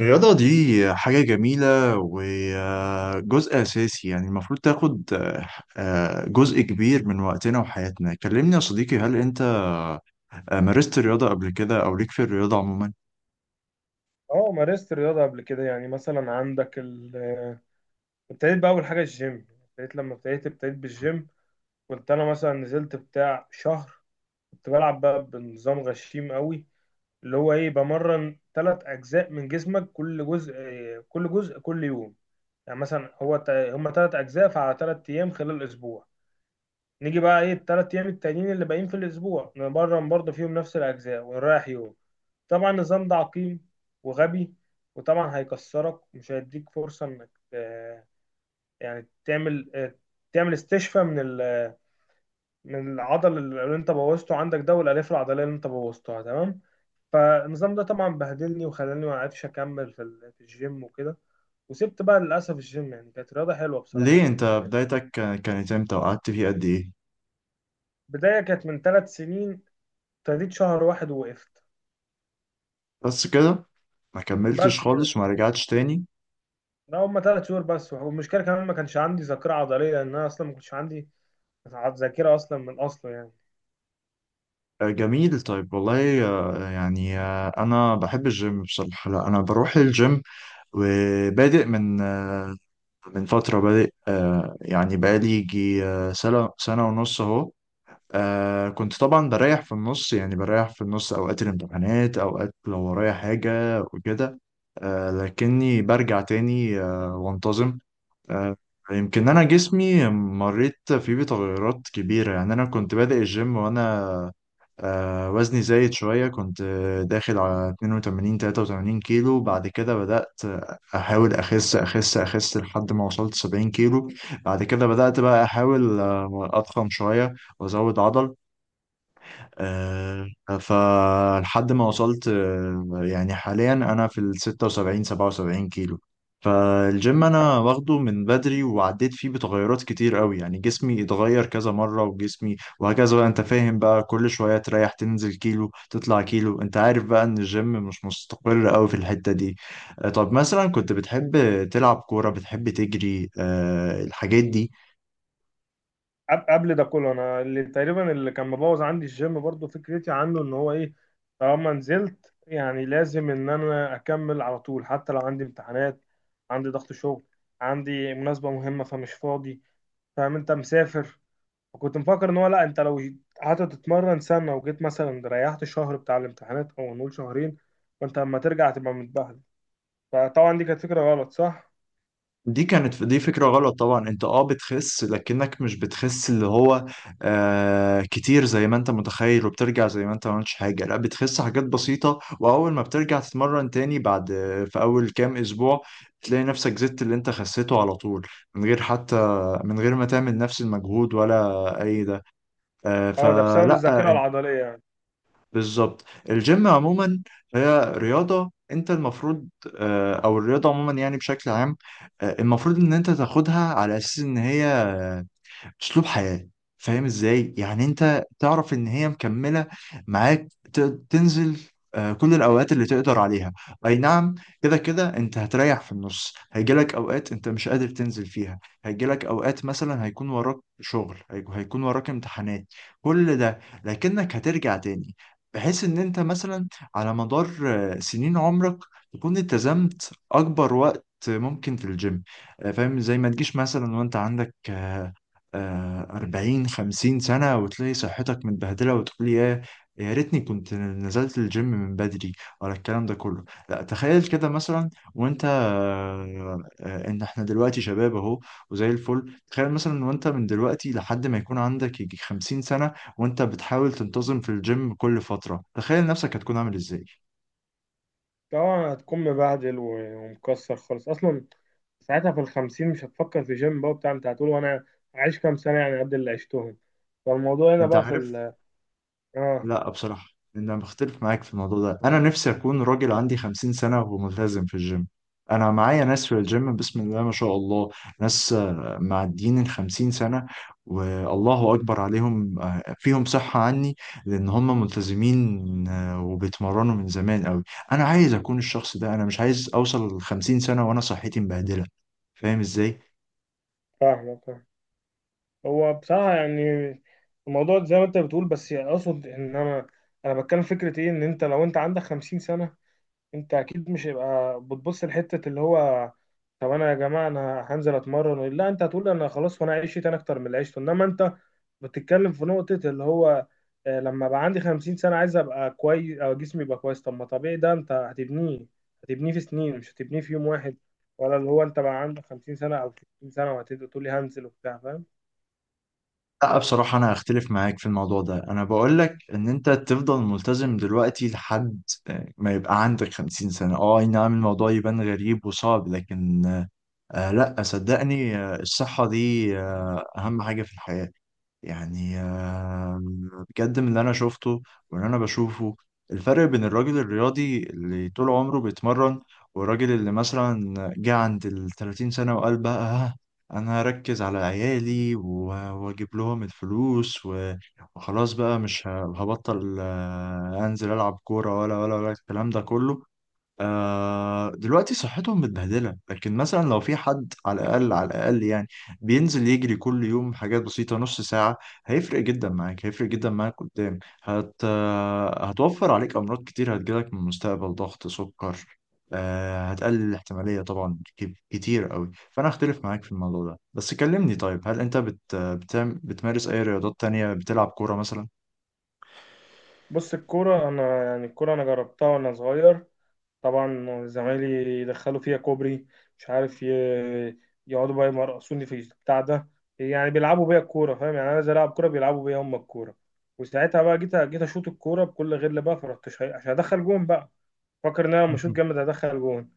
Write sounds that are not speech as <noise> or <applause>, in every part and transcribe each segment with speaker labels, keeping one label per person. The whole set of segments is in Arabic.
Speaker 1: الرياضة دي حاجة جميلة وجزء أساسي، يعني المفروض تاخد جزء كبير من وقتنا وحياتنا. كلمني يا صديقي، هل أنت مارست الرياضة قبل كده، أو ليك في الرياضة عموما؟
Speaker 2: اه مارست الرياضة قبل كده. يعني مثلا عندك ابتديت بأول حاجة الجيم، ابتديت لما ابتديت ابتديت بالجيم. كنت أنا مثلا نزلت بتاع شهر، كنت بلعب بقى بنظام غشيم قوي اللي هو إيه، بمرن تلات أجزاء من جسمك، كل جزء كل يوم. يعني مثلا هما تلات أجزاء، فعلى تلات أيام خلال أسبوع. نيجي بقى إيه التلات أيام التانيين اللي باقيين في الأسبوع، نمرن برضه فيهم نفس الأجزاء ونريح يوم. طبعا النظام ده عقيم وغبي، وطبعا هيكسرك ومش هيديك فرصة انك يعني تعمل، تعمل استشفاء من العضل اللي انت بوظته عندك ده والالياف العضلية اللي انت بوظتها، تمام؟ فالنظام ده طبعا بهدلني وخلاني ما عرفش اكمل في الجيم وكده. وسبت بقى للأسف الجيم، يعني كانت رياضة حلوة بصراحة
Speaker 1: ليه أنت
Speaker 2: بالنسبة لي.
Speaker 1: بدايتك كانت إمتى وقعدت فيه قد إيه؟
Speaker 2: بداية كانت من ثلاث سنين، ابتديت شهر واحد ووقفت.
Speaker 1: بس كده؟ ما كملتش
Speaker 2: بس كده،
Speaker 1: خالص وما رجعتش تاني؟
Speaker 2: ده هما ثلاث شهور بس. والمشكلة كمان ما كانش عندي ذاكرة عضلية، لأن أنا أصلا ما كنتش عندي تعب ذاكرة أصلا من أصله يعني.
Speaker 1: جميل. طيب والله، أنا بحب الجيم بصراحة. لا أنا بروح الجيم وبادئ من فترة، بادئ يعني بقالي يجي سنة سنة ونص أهو. كنت طبعا بريح في النص، يعني بريح في النص أوقات الامتحانات، أوقات لو ورايا حاجة وكده. لكني برجع تاني وانتظم. آه، يمكن أنا جسمي مريت فيه بتغيرات كبيرة. يعني أنا كنت بادئ الجيم وأنا وزني زايد شوية، كنت داخل على 82 83 كيلو. بعد كده بدأت أحاول أخس أخس أخس لحد ما وصلت 70 كيلو. بعد كده بدأت بقى أحاول أضخم شوية وأزود عضل. آه، فلحد ما وصلت يعني حاليا انا في ال 76 77 كيلو. فالجيم انا واخده من بدري، وعديت فيه بتغيرات كتير قوي. يعني جسمي اتغير كذا مرة، وجسمي وهكذا، بقى انت فاهم بقى، كل شوية تريح، تنزل كيلو، تطلع كيلو. انت عارف بقى ان الجيم مش مستقر قوي في الحتة دي. طب مثلا، كنت بتحب تلعب كورة؟ بتحب تجري الحاجات دي؟
Speaker 2: قبل ده كله أنا اللي تقريبا اللي كان مبوظ عندي الجيم برضو فكرتي عنه، إن هو إيه، طالما نزلت يعني لازم إن أنا أكمل على طول، حتى لو عندي امتحانات، عندي ضغط شغل، عندي مناسبة مهمة فمش فاضي، فاهم؟ أنت مسافر. وكنت مفكر إن هو لأ، أنت لو قعدت تتمرن سنة وجيت مثلا ريحت شهر بتاع الامتحانات أو نقول شهرين، فأنت لما ترجع تبقى متبهدل. فطبعا دي كانت فكرة غلط، صح؟
Speaker 1: دي كانت دي فكرة غلط طبعا. انت بتخس، لكنك مش بتخس اللي هو كتير زي ما انت متخيل، وبترجع زي ما انت ما عملتش حاجة. لا، بتخس حاجات بسيطة، واول ما بترجع تتمرن تاني، بعد في اول كام اسبوع تلاقي نفسك زدت اللي انت خسيته على طول. من غير حتى من غير ما تعمل نفس المجهود ولا اي ده. آه
Speaker 2: اه، ده بسبب
Speaker 1: فلا
Speaker 2: الذاكرة العضلية يعني.
Speaker 1: بالظبط. الجيم عموما هي رياضة انت المفروض، او الرياضة عموما يعني بشكل عام، المفروض ان انت تاخدها على اساس ان هي اسلوب حياة. فاهم ازاي؟ يعني انت تعرف ان هي مكملة معاك. ت- تنزل كل الاوقات اللي تقدر عليها. اي نعم، كده كده انت هتريح في النص، هيجيلك اوقات انت مش قادر تنزل فيها، هيجيلك اوقات مثلا هيكون وراك شغل، هيكون وراك امتحانات، كل ده. لكنك هترجع تاني، بحيث ان انت مثلا على مدار سنين عمرك، تكون التزمت اكبر وقت ممكن في الجيم. فاهم؟ زي ما تجيش مثلا وانت عندك 40 50 سنة، وتلاقي صحتك متبهدلة، وتقول يا ريتني كنت نزلت الجيم من بدري، ولا الكلام ده كله. لا تخيل كده مثلا، وانت ان احنا دلوقتي شباب اهو، وزي الفل. تخيل مثلا وانت من دلوقتي لحد ما يكون عندك يجي 50 سنة وانت بتحاول تنتظم في الجيم كل فترة، تخيل نفسك هتكون عامل ازاي.
Speaker 2: طبعا هتكون مبهدل ومكسر خالص اصلا. ساعتها في الخمسين مش هتفكر في جيم بقى بتاع، انت هتقول وانا عايش كام سنة يعني، قد اللي عشتهم. فالموضوع هنا
Speaker 1: انت
Speaker 2: بقى في
Speaker 1: عارف؟
Speaker 2: ال، اه.
Speaker 1: لا بصراحة، أنا بختلف معاك في الموضوع ده. أنا نفسي أكون راجل عندي 50 سنة وملتزم في الجيم. أنا معايا ناس في الجيم، بسم الله ما شاء الله، ناس معديين الخمسين سنة، والله أكبر عليهم، فيهم صحة عني، لأن هم ملتزمين وبيتمرنوا من زمان أوي. أنا عايز أكون الشخص ده. أنا مش عايز أوصل للخمسين سنة وأنا صحتي مبهدلة. فاهم إزاي؟
Speaker 2: فاهمك، فاهم. هو بصراحة يعني الموضوع زي ما انت بتقول، بس اقصد ان انا بتكلم فكرة ايه، ان انت لو انت عندك خمسين سنة، انت اكيد مش هيبقى بتبص لحته اللي هو، طب انا يا جماعه انا هنزل اتمرن. لا، انت هتقول انا خلاص وانا عشت انا اكتر من اللي عشته. انما انت بتتكلم في نقطه اللي هو، لما بقى عندي 50 سنه عايز ابقى كويس او جسمي يبقى كويس. طب ما طبيعي ده انت هتبنيه، هتبنيه في سنين، مش هتبنيه في يوم واحد. ولا اللي هو انت بقى عندك 50 سنه او 60 سنه وهتبدا تقول لي هنزل وبتاع، فاهم؟
Speaker 1: لا بصراحة، أنا هختلف معاك في الموضوع ده. أنا بقول لك إن أنت تفضل ملتزم دلوقتي لحد ما يبقى عندك 50 سنة. أه أي نعم، الموضوع يبان غريب وصعب، لكن لا صدقني، الصحة دي أهم حاجة في الحياة. يعني بجد من اللي انا شفته واللي انا بشوفه، الفرق بين الراجل الرياضي اللي طول عمره بيتمرن، والراجل اللي مثلا جه عند ال 30 سنة وقال بقى: انا هركز على عيالي واجيب لهم الفلوس وخلاص بقى مش هبطل انزل العب كورة، ولا ولا ولا الكلام ده كله". دلوقتي صحتهم متبهدلة، لكن مثلا لو في حد، على الأقل على الأقل يعني، بينزل يجري كل يوم حاجات بسيطة، نص ساعة، هيفرق جدا معاك، هيفرق جدا معاك قدام. هت آه، هتوفر عليك أمراض كتير هتجيلك من المستقبل، ضغط، سكر. هتقلل الاحتمالية طبعا كتير قوي. فأنا أختلف معاك في الموضوع ده. بس كلمني طيب، هل أنت بتمارس أي رياضات تانية؟ بتلعب كورة مثلا؟
Speaker 2: بص الكوره انا يعني الكوره انا جربتها وانا صغير. طبعا زمايلي يدخلوا فيها كوبري، مش عارف، يقعدوا بقى يمرقصوني في البتاع ده. يعني بيلعبوا بيا الكوره، فاهم؟ يعني انا عايز العب كوره، بيلعبوا بيا هم الكوره. وساعتها بقى جيت اشوط الكوره بكل غل بقى، فرحت عشان ادخل جون بقى. فاكر ان انا لما اشوط جامد هدخل جون.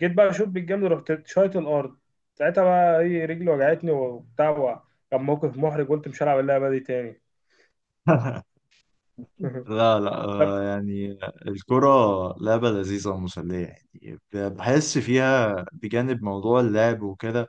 Speaker 2: جيت بقى اشوط بالجامد، رحت شايط الارض. ساعتها بقى ايه، رجلي وجعتني وبتاع. كان موقف محرج، قلت مش هلعب اللعبه دي تاني.
Speaker 1: <laughs>
Speaker 2: <laughs>
Speaker 1: لا لا،
Speaker 2: طب
Speaker 1: يعني الكرة لعبة لذيذة ومسلية. يعني بحس فيها، بجانب موضوع اللعب وكده،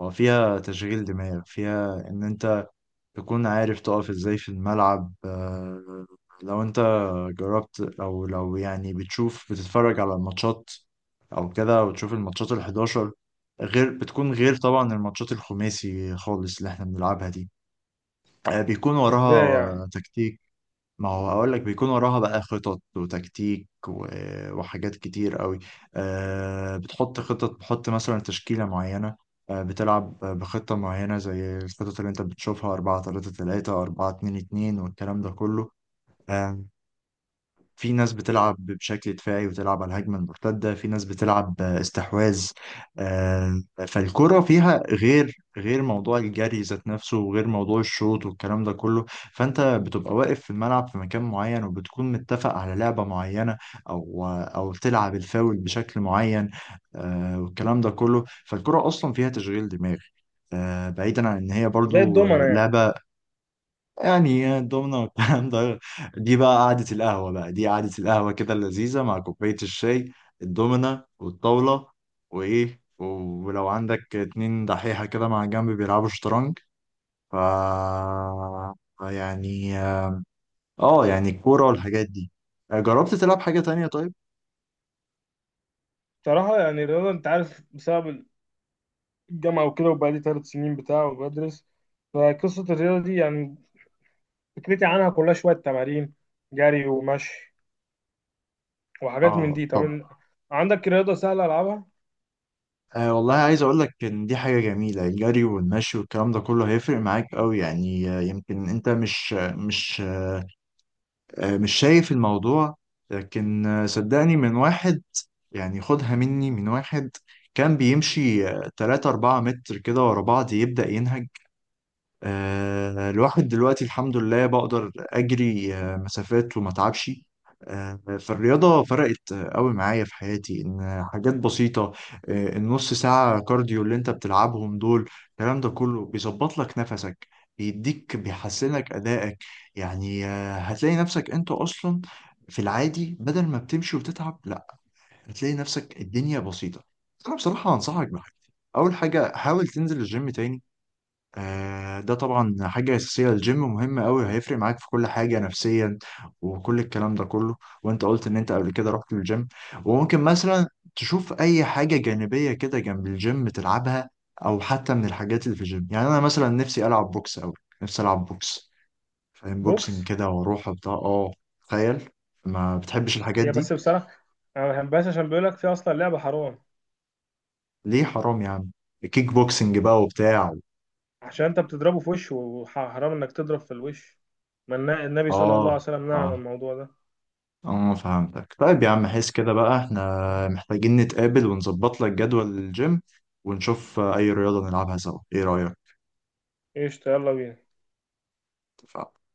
Speaker 1: هو فيها تشغيل دماغ، فيها إن أنت تكون عارف تقف إزاي في الملعب. لو أنت جربت، أو لو يعني بتشوف، بتتفرج على الماتشات أو كده، وتشوف الماتشات الحداشر، غير طبعا الماتشات الخماسي خالص اللي احنا بنلعبها دي. بيكون
Speaker 2: ازاي يعني؟
Speaker 1: وراها تكتيك. ما هو اقول لك، بيكون وراها بقى خطط وتكتيك وحاجات كتير قوي. أه بتحط خطط، بتحط مثلا تشكيلة معينة، أه بتلعب بخطة معينة زي الخطط اللي انت بتشوفها، 4 3 3 4 2 2 والكلام ده كله. آه، في ناس بتلعب بشكل دفاعي وتلعب على الهجمة المرتدة، في ناس بتلعب استحواذ. آه، فالكرة فيها غير موضوع الجري ذات نفسه، وغير موضوع الشوط والكلام ده كله. فأنت بتبقى واقف في الملعب في مكان معين، وبتكون متفق على لعبة معينة، أو تلعب الفاول بشكل معين. والكلام ده كله. فالكرة أصلا فيها تشغيل دماغ، بعيدا عن إن هي
Speaker 2: زي
Speaker 1: برضو
Speaker 2: الدومنه يعني.
Speaker 1: لعبة. يعني الضمنة والكلام ده، دي قعدة القهوة كده اللذيذة مع كوباية الشاي، الضمنة والطاولة وإيه. ولو عندك اتنين دحيحة كده مع جنب بيلعبوا شطرنج. ف يعني، اه يعني الكورة والحاجات دي. جربت تلعب حاجة تانية طيب؟
Speaker 2: بصراحه يعني الرياضه انت عارف بسبب الجامعة وكده، وبقالي ثلاث سنين بتاع وبدرس. فقصة الرياضة دي يعني فكرتي عنها كلها شوية تمارين، جري ومشي وحاجات من
Speaker 1: اه
Speaker 2: دي. طب
Speaker 1: طب.
Speaker 2: عندك رياضة سهلة ألعبها؟
Speaker 1: والله عايز اقول لك ان دي حاجة جميلة. الجري والمشي والكلام ده كله هيفرق معاك قوي. يعني يمكن انت مش مش شايف الموضوع، لكن صدقني. من واحد يعني، خدها مني، من واحد كان بيمشي 3 4 متر كده ورا بعض يبدأ ينهج. الواحد دلوقتي الحمد لله بقدر أجري مسافات وما أتعبش. فالرياضة فرقت قوي معايا في حياتي. إن حاجات بسيطة، النص ساعة كارديو اللي أنت بتلعبهم دول، الكلام ده كله بيظبط لك نفسك، بيديك، بيحسنك أدائك. يعني هتلاقي نفسك أنت أصلا في العادي، بدل ما بتمشي وتتعب، لا، هتلاقي نفسك الدنيا بسيطة. أنا بصراحة أنصحك بحاجة: أول حاجة حاول تنزل الجيم تاني. ده طبعا حاجة أساسية، الجيم مهم أوي، هيفرق معاك في كل حاجة نفسيا وكل الكلام ده كله. وأنت قلت إن أنت قبل كده رحت الجيم. وممكن مثلا تشوف أي حاجة جانبية كده جنب الجيم تلعبها، أو حتى من الحاجات اللي في الجيم. يعني أنا مثلا نفسي ألعب بوكس أوي، نفسي ألعب بوكس. فاهم؟ بوكسنج
Speaker 2: بوكس؟
Speaker 1: كده، وأروح وبتاع. تخيل، ما بتحبش الحاجات
Speaker 2: هي
Speaker 1: دي؟
Speaker 2: بس بصراحة أنا ما بحبهاش عشان بيقول لك في أصلا لعبة حرام،
Speaker 1: ليه حرام يا عم؟ كيك بوكسنج بقى وبتاع.
Speaker 2: عشان أنت بتضربه في وشه، وحرام إنك تضرب في الوش. ما النبي صلى الله عليه
Speaker 1: أه.
Speaker 2: وسلم نهى عن
Speaker 1: أه.
Speaker 2: الموضوع ده.
Speaker 1: اه فهمتك. طيب يا عم، حس كده بقى احنا محتاجين نتقابل ونظبط لك جدول الجيم، ونشوف اي رياضة نلعبها سوا. ايه رأيك؟
Speaker 2: قشطة، يلا بينا.
Speaker 1: اتفقنا.